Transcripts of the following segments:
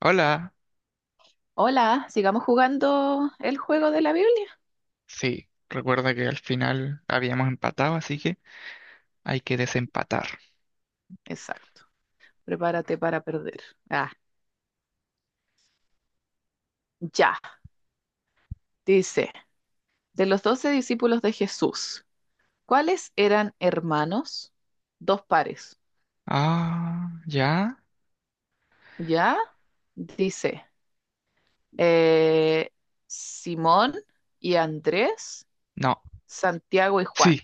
Hola, Hola, sigamos jugando el juego de la Biblia. sí, recuerda que al final habíamos empatado, así que hay que desempatar. Exacto. Prepárate para perder. Ah, ya. Dice, de los doce discípulos de Jesús, ¿cuáles eran hermanos? Dos pares. Ah, ¿ya? ¿Ya? Dice, eh, Simón y Andrés, No, Santiago y sí, Juan.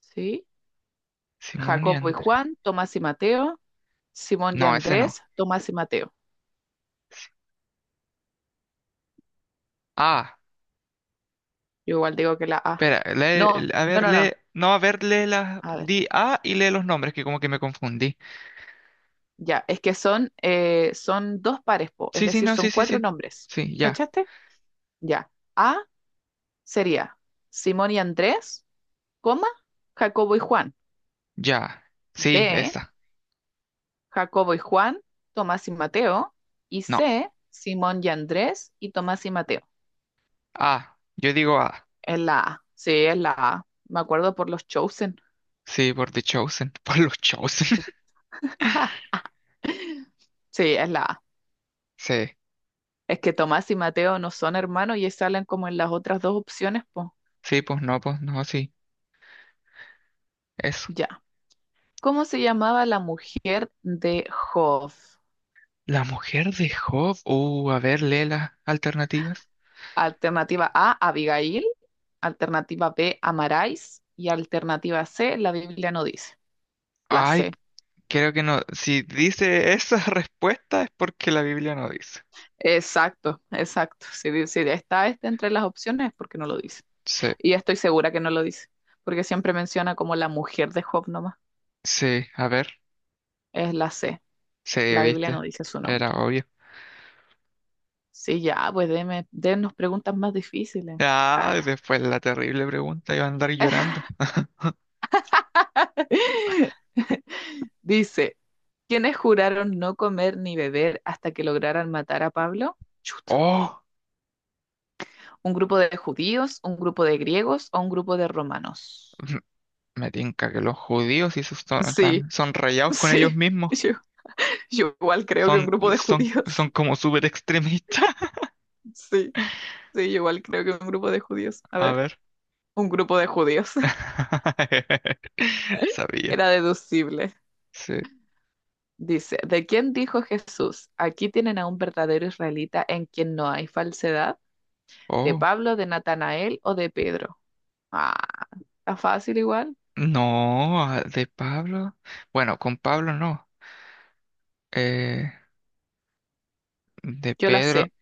¿Sí? Simón y Jacobo y Andrés. Juan, Tomás y Mateo, Simón y No, ese no. Andrés, Tomás y Mateo. Sí. Ah, Yo igual digo que la A. espera, No, a no, ver, no, lee, no. no, a ver, lee las, A ver. di A y lee los nombres, que como que me confundí. Ya, es que son, son dos pares, po, es Sí, sí, decir, no, sí, son sí, cuatro sí, nombres. sí, ya, ¿Cachaste? Ya. A sería Simón y Andrés, coma, Jacobo y Juan. ya, sí, B, esta, Jacobo y Juan, Tomás y Mateo. Y no, C, Simón y Andrés y Tomás y Mateo. A, yo digo A. Es la A. Sí, es la A. Me acuerdo por los Chosen. Sí, por The Chosen, por los Chosen. Sí, es la A. Sí, Es que Tomás y Mateo no son hermanos y salen como en las otras dos opciones, pues. sí, pues no, sí. Eso. Ya. ¿Cómo se llamaba la mujer de Job? La mujer de Job. A ver, lee las alternativas. Alternativa A, Abigail. Alternativa B, Amarais. Y alternativa C, la Biblia no dice. La Ay, C. creo que no. Si dice esa respuesta es porque la Biblia no dice. Exacto, exacto. Si, si está este entre las opciones es porque no lo dice. Sí, Y estoy segura que no lo dice, porque siempre menciona como la mujer de Job nomás. sí, a ver. Es la C. Sí, La Biblia no viste. dice su Era nombre. obvio. Sí, ya, pues dennos preguntas más difíciles. Ah. Ah, después la terrible pregunta iba a andar llorando. Dice, ¿quiénes juraron no comer ni beber hasta que lograran matar a Pablo? Chut. Oh, ¿Un grupo de judíos, un grupo de griegos o un grupo de romanos? m- me tinca que los judíos y sus son, en Sí, plan, son rayados con ellos sí. mismos. Yo, yo igual creo que un Son, grupo de son, judíos. son como súper extremistas. Sí, sí, yo igual creo que un grupo de judíos. A A ver, ver. un grupo de judíos. Sabía. Era deducible. Sí. Dice, ¿de quién dijo Jesús? Aquí tienen a un verdadero israelita en quien no hay falsedad. ¿De Oh. Pablo, de Natanael o de Pedro? Ah, está fácil igual. No, ah, de Pablo. Bueno, con Pablo no. Eh, de Yo la Pedro. sé.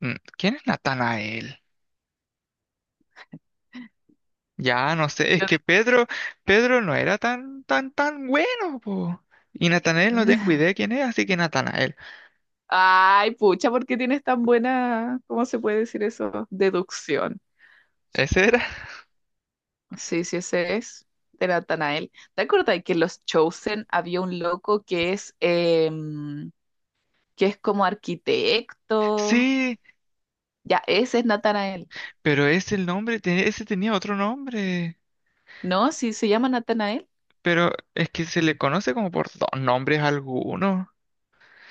¿Quién es Natanael? Ya no sé, es Yo que Pedro, no era tan, tan, tan bueno, po. Y Natanael no de- tengo idea quién es, así que Natanael. Ay, pucha, ¿por qué tienes tan buena, ¿cómo se puede decir eso? Deducción. ¿Ese era? Sí, sí, ese es. De Natanael. ¿Te acuerdas que en los Chosen había un loco que es, em, que es como arquitecto? Sí, Ya, ese es Natanael. pero ese el nombre, ese tenía otro nombre. ¿No? ¿Sí se llama Natanael? Pero es que se le conoce como por dos nombres algunos.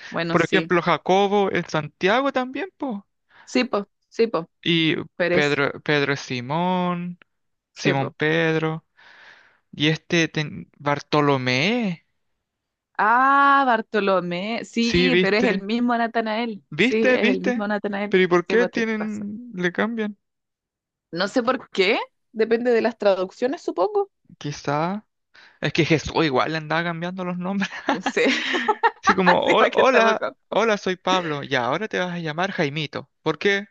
Bueno, Por sí. ejemplo, Jacobo es Santiago también, po. Sí, po, sí, po. Y Pero es, Pedro es Simón, sí, Simón po. Pedro. Y este Bartolomé. Ah, Bartolomé, Sí, sí, pero es el viste. mismo Natanael. Sí, ¿Viste? es el ¿Viste? mismo Natanael. Pero ¿y por Sí, qué vos tienes razón. tienen, le cambian? No sé por qué, depende de las traducciones, supongo. Quizá. Es que Jesús igual le andaba cambiando los nombres. No sé, Así como, así para que estamos hola, hola, confusos. soy Pablo. Y ahora te vas a llamar Jaimito. ¿Por qué?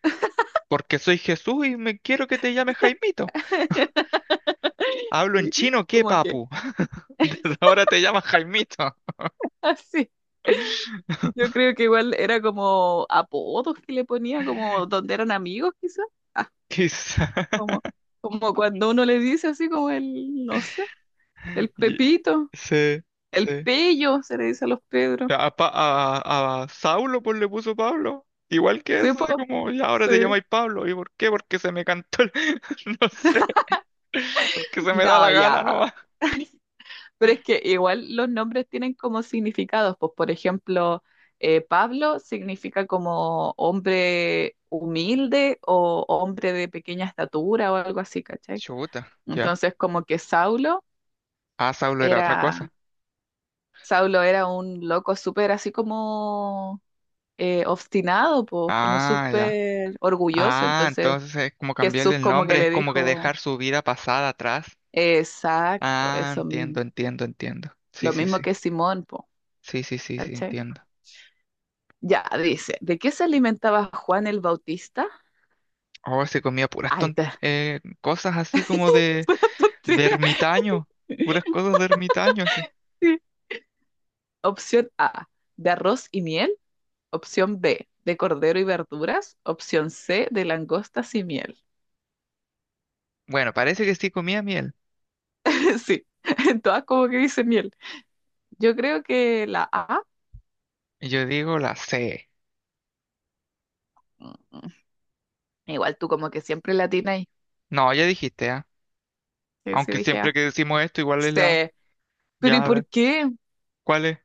Porque soy Jesús y me quiero que te llames Jaimito. Hablo en Sí, chino, ¿qué, como que papu? Desde ahora te llamas Jaimito." así. Yo creo que igual era como apodos que le ponía, como donde eran amigos, quizás. Ah, Quizá. como, como cuando uno le dice así como el, no sé, el y- Pepito, Sí, el sí. Pello, se le dice a los Pedros. A, a Saulo pues le puso Pablo. Igual que Sí, eso, así po. como, ya ahora te Sí. llamáis Pablo. ¿Y por qué? Porque se me cantó No sé, porque se me da No, la gana ya. nomás. Pero es que igual los nombres tienen como significados. Pues, por ejemplo, Pablo significa como hombre humilde o hombre de pequeña estatura o algo así, ¿cachai? Chuta, ya. Entonces, como que Ah, Saulo era otra cosa. era, Saulo era un loco súper así como obstinado, pues, como Ah, ya. súper orgulloso. Ah, Entonces, entonces es como cambiarle Jesús el como que nombre, es le como que dijo, dejar su vida pasada atrás. exacto, Ah, eso mismo. entiendo, entiendo, entiendo. Sí, Lo sí, mismo sí. que Simón, pues. Sí, sí, sí, sí, entiendo. Ya, dice, ¿de qué se alimentaba Juan el Bautista? Oh, se comía puras Ah, esta cosas así como de, de tontera. ermitaño, puras cosas de ermitaño, así. Sí. Opción A, de arroz y miel. Opción B, de cordero y verduras. Opción C, de langostas y miel. Bueno, parece que sí comía miel. Sí, en todas como que dice miel. Yo creo que la A, Y yo digo la C. mm, igual tú como que siempre la tienes ahí. No, ya dijiste, ¿ah? Sí, sí, Aunque dije siempre A. que decimos esto, igual es la. C, pero ¿y Ya, a ver, por qué? ¿cuál es?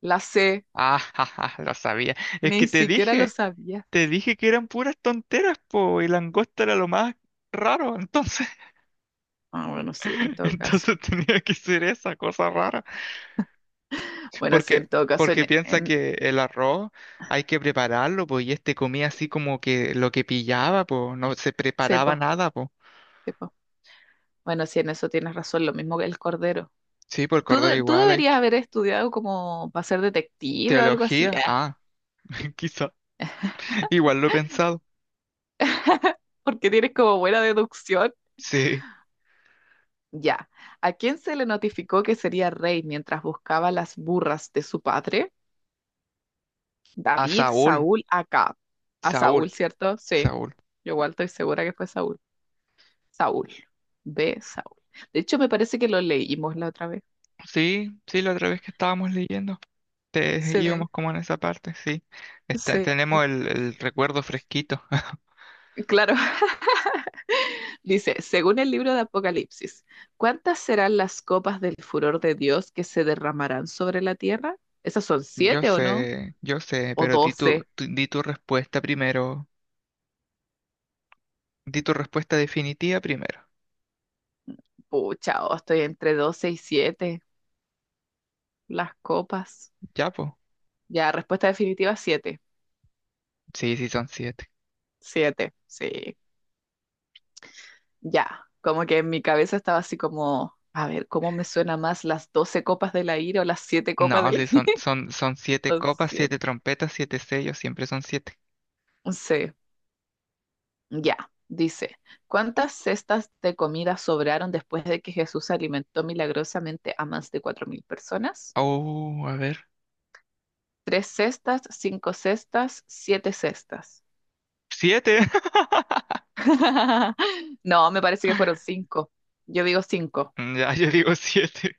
La C, Ah, jaja, lo sabía. Es que ni te siquiera lo dije, sabías. te dije que eran puras tonteras, po, y langosta era lo más raro, entonces, Ah, bueno, sí, en todo caso. entonces tenía que ser esa cosa rara. Bueno, sí, Porque, en todo caso, porque piensa en... que el arroz hay que prepararlo, pues, y este comía así como que lo que pillaba, pues, no se preparaba sepo. nada, pues. Bueno, sí, en eso tienes razón, lo mismo que el cordero. Sí, por el cordero Tú igual hay deberías que. haber estudiado como para ser detective o algo así, Teología, ah, quizá. Igual lo he pensado. porque tienes como buena deducción. Sí, Ya, ¿a quién se le notificó que sería rey mientras buscaba las burras de su padre? a David, Saúl, Saúl, Acab. A Saúl, Saúl, ¿cierto? Sí, Saúl. yo igual estoy segura que fue Saúl. Saúl, B, Saúl. De hecho, me parece que lo leímos la otra vez. Sí, sí, la otra vez que estábamos leyendo, íbamos Sí, como en esa parte, sí. Sí, Tenemos el, recuerdo fresquito. claro. Dice, según el libro de Apocalipsis, ¿cuántas serán las copas del furor de Dios que se derramarán sobre la tierra? ¿Esas son siete o no? Yo sé, ¿O pero di tu, doce? Di tu respuesta primero. Di tu respuesta definitiva primero. Pucha, oh, estoy entre doce y siete. Las copas. Ya, pues. Ya, respuesta definitiva, siete. Sí, sí, son siete. Siete, sí. Ya, como que en mi cabeza estaba así como, a ver, ¿cómo me suena más las doce copas de la ira o las siete copas No, de la sí, son, ira? son, son siete Son copas, siete siete. trompetas, siete sellos, siempre son siete. Sí. Ya, dice, ¿cuántas cestas de comida sobraron después de que Jesús alimentó milagrosamente a más de 4.000 personas? Oh, a ver. Tres cestas, cinco cestas, siete cestas. ¡Siete! No, me parece que fueron cinco. Yo digo cinco. Ya, yo digo siete.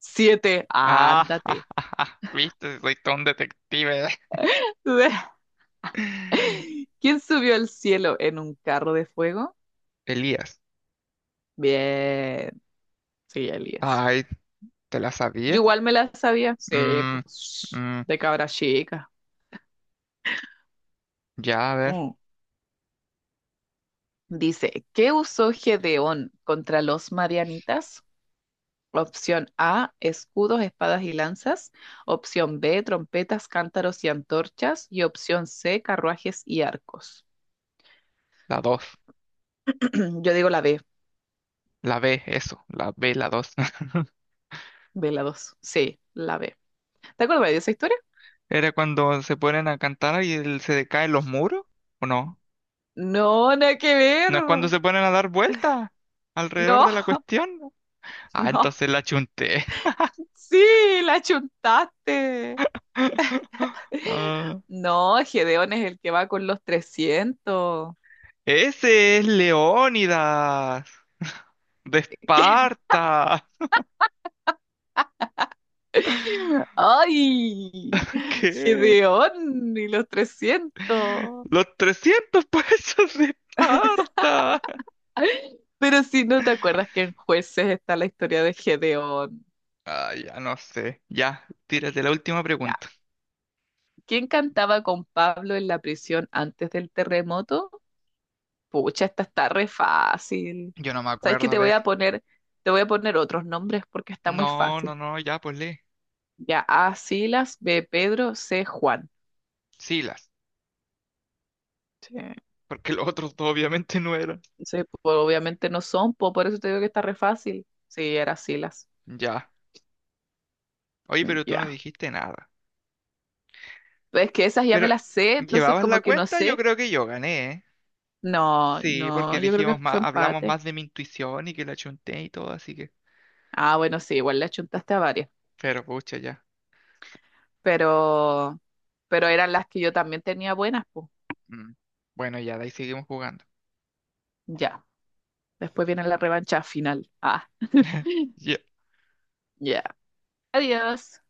Siete, Ah, ándate. viste, soy todo un detective. ¿Quién subió al cielo en un carro de fuego? Elías. Bien, sí, Elías. Ay, ¿te la Yo sabía? igual me la sabía. Sí, Mm, pues, mm, de cabra chica. ya, a ver. Mm. Dice, ¿qué usó Gedeón contra los marianitas? Opción A, escudos, espadas y lanzas. Opción B, trompetas, cántaros y antorchas. Y opción C, carruajes y arcos. La dos. Yo digo la B, La B, eso. La B, la dos. B la 2. Sí, la B. ¿Te acuerdas de esa historia? ¿Era cuando se ponen a cantar y se decaen los muros? ¿O no? No, nada que ver. No es cuando se ponen a dar vueltas alrededor No, de la cuestión. Ah, no. entonces la chunté. Sí, la chuntaste. Ah, No, Gedeón es el que va con los 300. ese es Leónidas de Esparta. ¡Ay! ¿Qué? Gedeón y los 300. Los 300 pesos de Esparta. Pero si no te acuerdas que en Jueces está la historia de Gedeón. Ah, ya no sé. Ya, tírate la última Ya. pregunta. ¿Quién cantaba con Pablo en la prisión antes del terremoto? Pucha, esta está re fácil. Yo no me ¿Sabes qué? acuerdo, a ver. Te voy a poner otros nombres porque está muy No, no, fácil. no, ya, pues lee. Ya, A, Silas, B, Pedro, C, Juan. Silas, Sí. porque los otros dos obviamente no eran. Sí, pues, obviamente no son, po, por eso te digo que está re fácil. Sí, era Silas. Ya. Oye, Mm, pero tú no ya, dijiste nada. pues. Es que esas ya me Pero, las sé, entonces ¿llevabas la como que no cuenta? Yo sé. creo que yo gané, ¿eh? No, Sí, no, porque yo creo dijimos que fue más, hablamos empate. más de mi intuición y que la chunté y todo, así que. Ah, bueno, sí, igual le achuntaste a varias, Pero pucha, ya. pero, pero eran las que yo también tenía buenas, pues. Mm. Bueno, ya, de ahí seguimos jugando. Ya. Después viene la revancha final. Ah, Ya. ya. Adiós.